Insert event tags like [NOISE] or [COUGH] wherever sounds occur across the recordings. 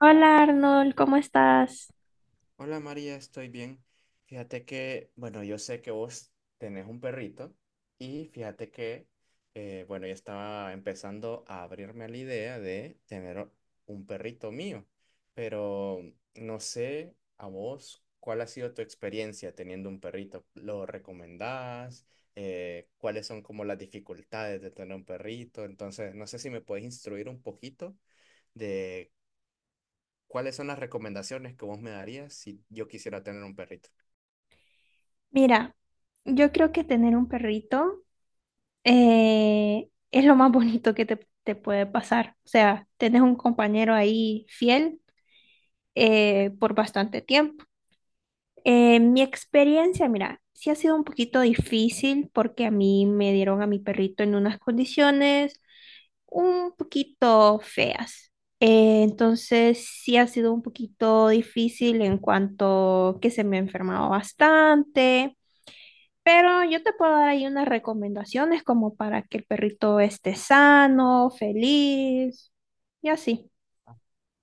Hola Arnold, ¿cómo estás? Hola María, estoy bien. Fíjate que, bueno, yo sé que vos tenés un perrito y fíjate que, bueno, yo estaba empezando a abrirme a la idea de tener un perrito mío, pero no sé a vos cuál ha sido tu experiencia teniendo un perrito. ¿Lo recomendás? ¿Cuáles son como las dificultades de tener un perrito? Entonces, no sé si me puedes instruir un poquito de ¿cuáles son las recomendaciones que vos me darías si yo quisiera tener un perrito? Mira, yo creo que tener un perrito es lo más bonito que te puede pasar. O sea, tenés un compañero ahí fiel, por bastante tiempo. Mi experiencia, mira, sí ha sido un poquito difícil porque a mí me dieron a mi perrito en unas condiciones un poquito feas. Entonces sí ha sido un poquito difícil en cuanto que se me ha enfermado bastante, pero yo te puedo dar ahí unas recomendaciones como para que el perrito esté sano, feliz y así. Ah,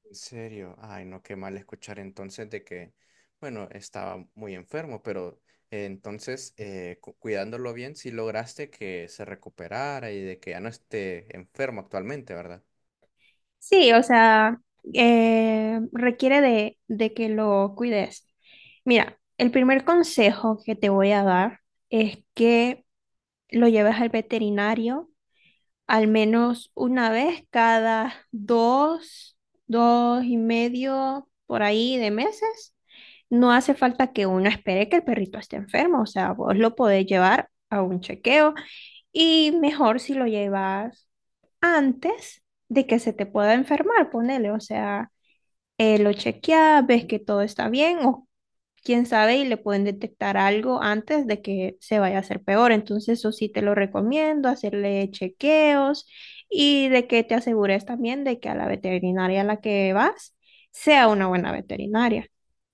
en serio, ay, no, qué mal escuchar entonces de que, bueno, estaba muy enfermo, pero entonces cuidándolo bien, sí lograste que se recuperara y de que ya no esté enfermo actualmente, ¿verdad? Sí, o sea, requiere de que lo cuides. Mira, el primer consejo que te voy a dar es que lo lleves al veterinario al menos una vez cada dos, dos y medio por ahí de meses. No hace falta que uno espere que el perrito esté enfermo, o sea, vos lo podés llevar a un chequeo y mejor si lo llevas antes de que se te pueda enfermar, ponele, o sea, lo chequea, ves que todo está bien o quién sabe y le pueden detectar algo antes de que se vaya a hacer peor. Entonces, eso sí te lo recomiendo, hacerle chequeos y de que te asegures también de que a la veterinaria a la que vas sea una buena veterinaria.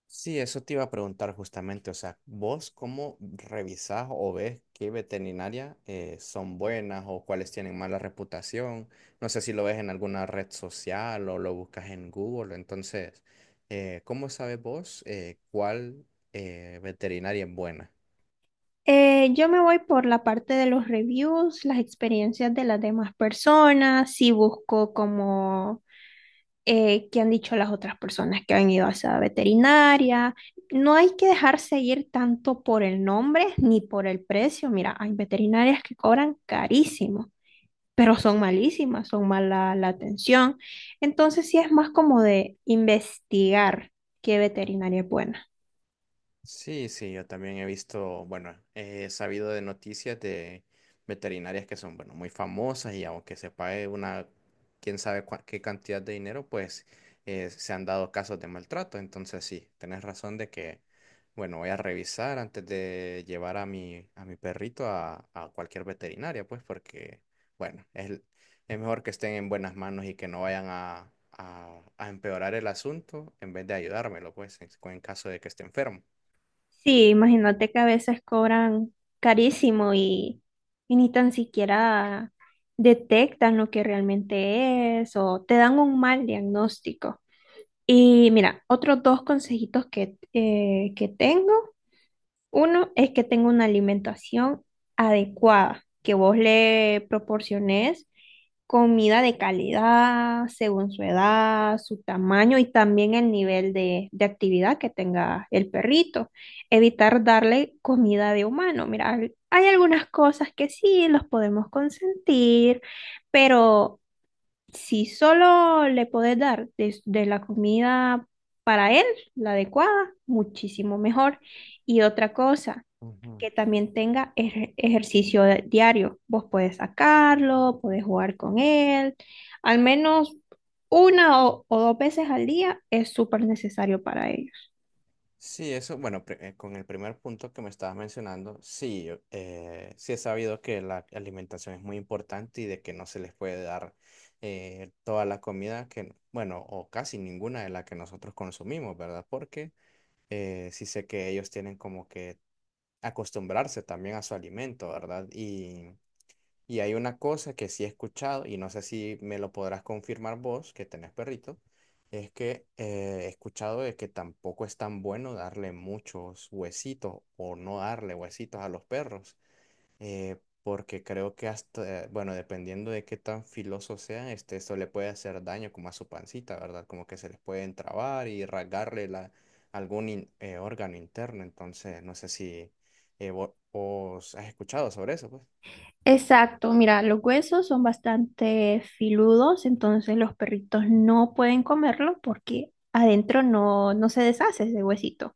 Sí, eso te iba a preguntar justamente, o sea, ¿vos cómo revisás o ves qué veterinarias son buenas o cuáles tienen mala reputación? No sé si lo ves en alguna red social o lo buscas en Google, entonces, ¿cómo sabes vos cuál veterinaria es buena? Yo me voy por la parte de los reviews, las experiencias de las demás personas, si busco como qué han dicho las otras personas que han ido a esa veterinaria. No hay que dejarse ir tanto por el nombre ni por el precio. Mira, hay veterinarias que cobran carísimo, pero son malísimas, son mala la atención. Entonces sí es más como de investigar qué veterinaria es buena. Sí, sí, yo también he visto, bueno, he sabido de noticias de veterinarias que son, bueno, muy famosas y aunque se pague una, quién sabe qué cantidad de dinero, pues se han dado casos de maltrato. Entonces sí, tenés razón de que, bueno, voy a revisar antes de llevar a a mi perrito a cualquier veterinaria, pues porque, bueno, es mejor que estén en buenas manos y que no vayan a empeorar el asunto en vez de ayudármelo, pues, en caso de que esté enfermo. Sí, imagínate que a veces cobran carísimo y ni tan siquiera detectan lo que realmente es o te dan un mal diagnóstico. Y mira, otros dos consejitos que tengo. Uno es que tenga una alimentación adecuada, que vos le proporciones comida de calidad según su edad, su tamaño y también el nivel de actividad que tenga el perrito. Evitar darle comida de humano. Mira, hay algunas cosas que sí los podemos consentir, pero... Si solo le podés dar la comida para él, la adecuada, muchísimo mejor. Y otra cosa, Ujú. que también tenga ejercicio diario. Vos podés sacarlo, podés jugar con él. Al menos una o dos veces al día es súper necesario para ellos. Sí, eso, bueno, con el primer punto que me estabas mencionando, sí, yo, sí he sabido que la alimentación es muy importante y de que no se les puede dar toda la comida que, bueno, o casi ninguna de la que nosotros consumimos, ¿verdad? Porque sí sé que ellos tienen como que acostumbrarse también a su alimento, ¿verdad? Y hay una cosa que sí he escuchado, y no sé si me lo podrás confirmar vos, que tenés perrito, es que he escuchado de que tampoco es tan bueno darle muchos huesitos o no darle huesitos a los perros, eh, porque creo que hasta, bueno, dependiendo de qué tan filosos sean, este, eso le puede hacer daño como a su pancita, ¿verdad? Como que se les puede entrabar y rasgarle la, órgano interno, entonces no sé si vos has escuchado sobre eso, pues. Exacto, mira, los huesos son bastante filudos, entonces los perritos no pueden comerlo porque adentro no, no se deshace ese huesito.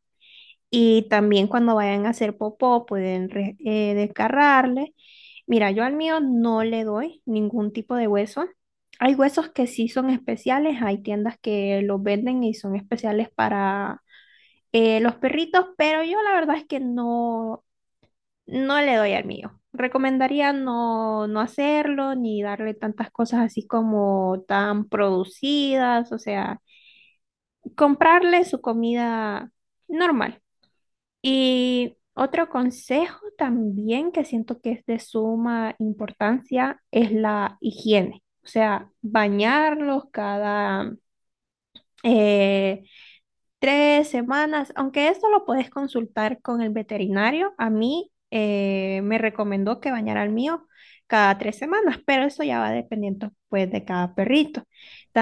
Y también cuando vayan a hacer popó pueden desgarrarle. Mira, yo al mío no le doy ningún tipo de hueso. Hay huesos que sí son especiales, hay tiendas que los venden y son especiales para los perritos, pero yo la verdad es que no, no le doy al mío. Recomendaría no, no hacerlo ni darle tantas cosas así como tan producidas, o sea, comprarle su comida normal. Y otro consejo también que siento que es de suma importancia es la higiene. O sea, bañarlos cada eh, tres semanas, aunque esto lo puedes consultar con el veterinario. A mí me recomendó que bañara al mío cada tres semanas, pero eso ya va dependiendo pues de cada perrito.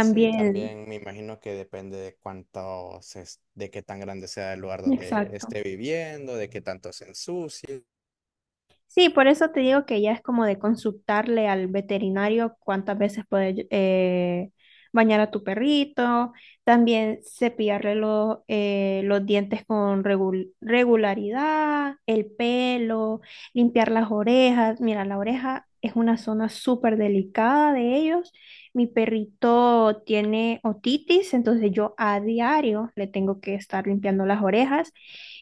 Sí, también me imagino que depende de cuánto de qué tan grande sea el lugar donde exacto. esté viviendo, de qué tanto se ensucie. Sí, por eso te digo que ya es como de consultarle al veterinario cuántas veces puedes bañar a tu perrito, también cepillarle los dientes con regularidad, el pelo, limpiar las orejas. Mira, la oreja es una zona súper delicada de ellos. Mi perrito tiene otitis, entonces yo a diario le tengo que estar limpiando las orejas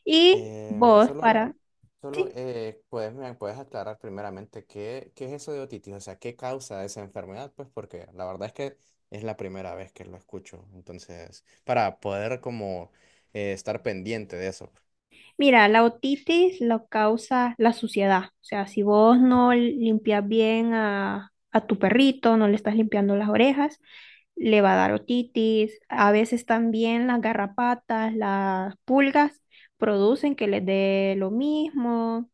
y Eh, vos solo, para... solo Sí. Puedes, me puedes aclarar primeramente qué, qué es eso de otitis, o sea, qué causa esa enfermedad, pues porque la verdad es que es la primera vez que lo escucho, entonces, para poder como estar pendiente de eso. Mira, la otitis la causa la suciedad. O sea, si vos no limpias bien a tu perrito, no le estás limpiando las orejas, le va a dar otitis. A veces también las garrapatas, las pulgas producen que les dé lo mismo.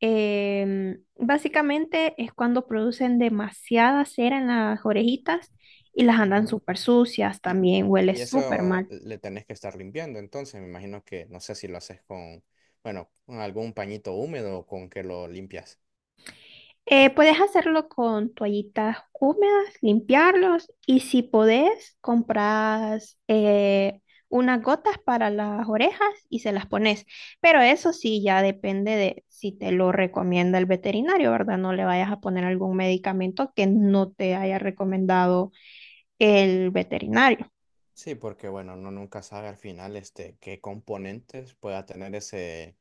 Básicamente es cuando producen demasiada cera en las orejitas y las andan súper sucias, Y, también huele y súper eso mal. le tenés que estar limpiando, entonces me imagino que no sé si lo haces con, bueno, con algún pañito húmedo o con que lo limpias. Puedes hacerlo con toallitas húmedas, limpiarlos y si podés, compras unas gotas para las orejas y se las pones. Pero eso sí, ya depende de si te lo recomienda el veterinario, ¿verdad? No le vayas a poner algún medicamento que no te haya recomendado el veterinario. Sí, porque bueno, uno nunca sabe al final este qué componentes pueda tener ese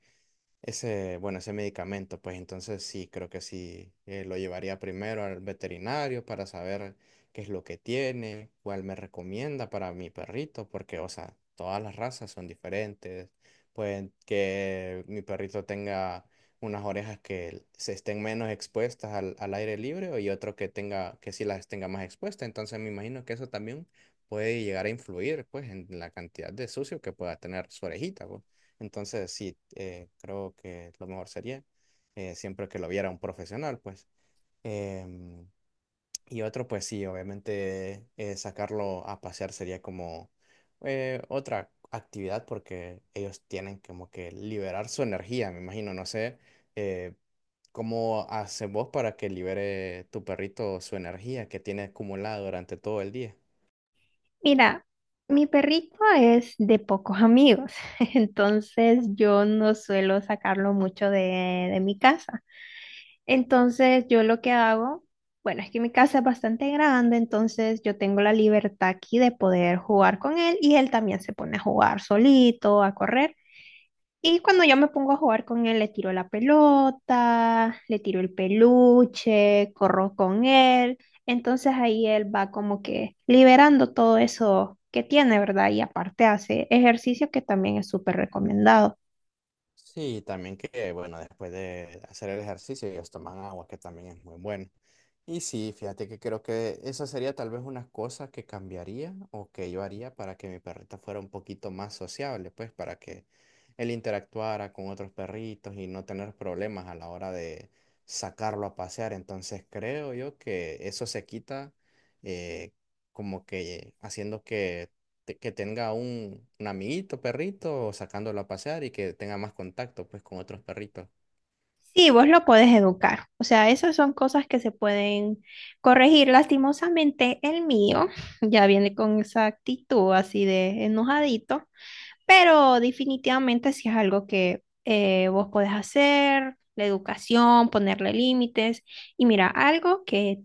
ese, bueno, ese medicamento, pues entonces sí, creo que sí, lo llevaría primero al veterinario para saber qué es lo que tiene, cuál me recomienda para mi perrito, porque, o sea, todas las razas son diferentes. Pueden que mi perrito tenga unas orejas que se estén menos expuestas al aire libre y otro que tenga, que sí las tenga más expuestas. Entonces me imagino que eso también puede llegar a influir, pues, en la cantidad de sucio que pueda tener su orejita, pues. Entonces, sí, creo que lo mejor sería siempre que lo viera un profesional, pues. Em, y otro, pues sí, obviamente sacarlo a pasear sería como otra actividad porque ellos tienen como que liberar su energía, me imagino, no sé. eh, ¿Cómo haces vos para que libere tu perrito su energía que tiene acumulada durante todo el día? Mira, mi perrito es de pocos amigos, [LAUGHS] entonces yo no suelo sacarlo mucho de mi casa. Entonces yo lo que hago, bueno, es que mi casa es bastante grande, entonces yo tengo la libertad aquí de poder jugar con él y él también se pone a jugar solito, a correr. Y cuando yo me pongo a jugar con él, le tiro la pelota, le tiro el peluche, corro con él. Entonces ahí él va como que liberando todo eso que tiene, ¿verdad? Y aparte hace ejercicio que también es súper recomendado. Sí, también que, bueno, después de hacer el ejercicio, ellos toman agua, que también es muy bueno. Y sí, fíjate que creo que esa sería tal vez una cosa que cambiaría o que yo haría para que mi perrita fuera un poquito más sociable, pues para que él interactuara con otros perritos y no tener problemas a la hora de sacarlo a pasear. Entonces creo yo que eso se quita eh, como que haciendo que que tenga un amiguito perrito sacándolo a pasear y que tenga más contacto pues con otros perritos. Sí, vos lo podés educar. O sea, esas son cosas que se pueden corregir. Lastimosamente, el mío [LAUGHS] ya viene con esa actitud así de enojadito. Pero definitivamente si es algo que vos podés hacer, la educación, ponerle límites. Y mira, algo que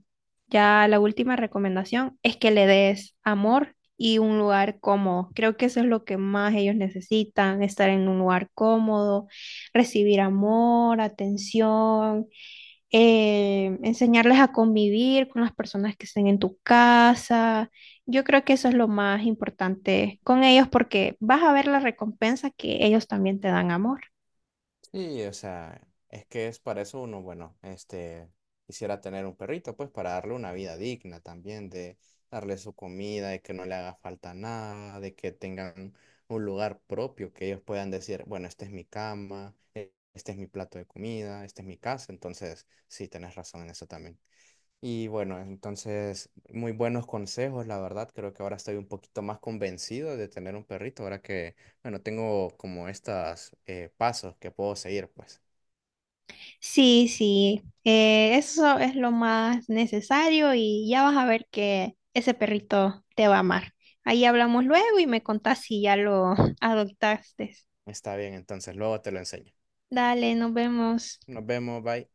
ya la última recomendación es que le des amor y un lugar cómodo. Creo que eso es lo que más ellos necesitan, estar en un lugar cómodo, recibir amor, atención, enseñarles a convivir con las personas que estén en tu casa. Yo creo que eso es lo más importante con ellos porque vas a ver la recompensa que ellos también te dan amor. Sí, o sea, es que es para eso uno, bueno, este, quisiera tener un perrito pues para darle una vida digna también, de darle su comida, de que no le haga falta nada, de que tengan un lugar propio, que ellos puedan decir, bueno, esta es mi cama, este es mi plato de comida, esta es mi casa, entonces sí, tenés razón en eso también. Y bueno, entonces, muy buenos consejos, la verdad. Creo que ahora estoy un poquito más convencido de tener un perrito, ahora que, bueno, tengo como estos pasos que puedo seguir, pues. Sí, sí, eso es lo más necesario y ya vas a ver que ese perrito te va a amar. Ahí hablamos luego y me contás si ya lo [LAUGHS] adoptaste. Está bien, entonces luego te lo enseño. Dale, nos vemos. Nos vemos, bye.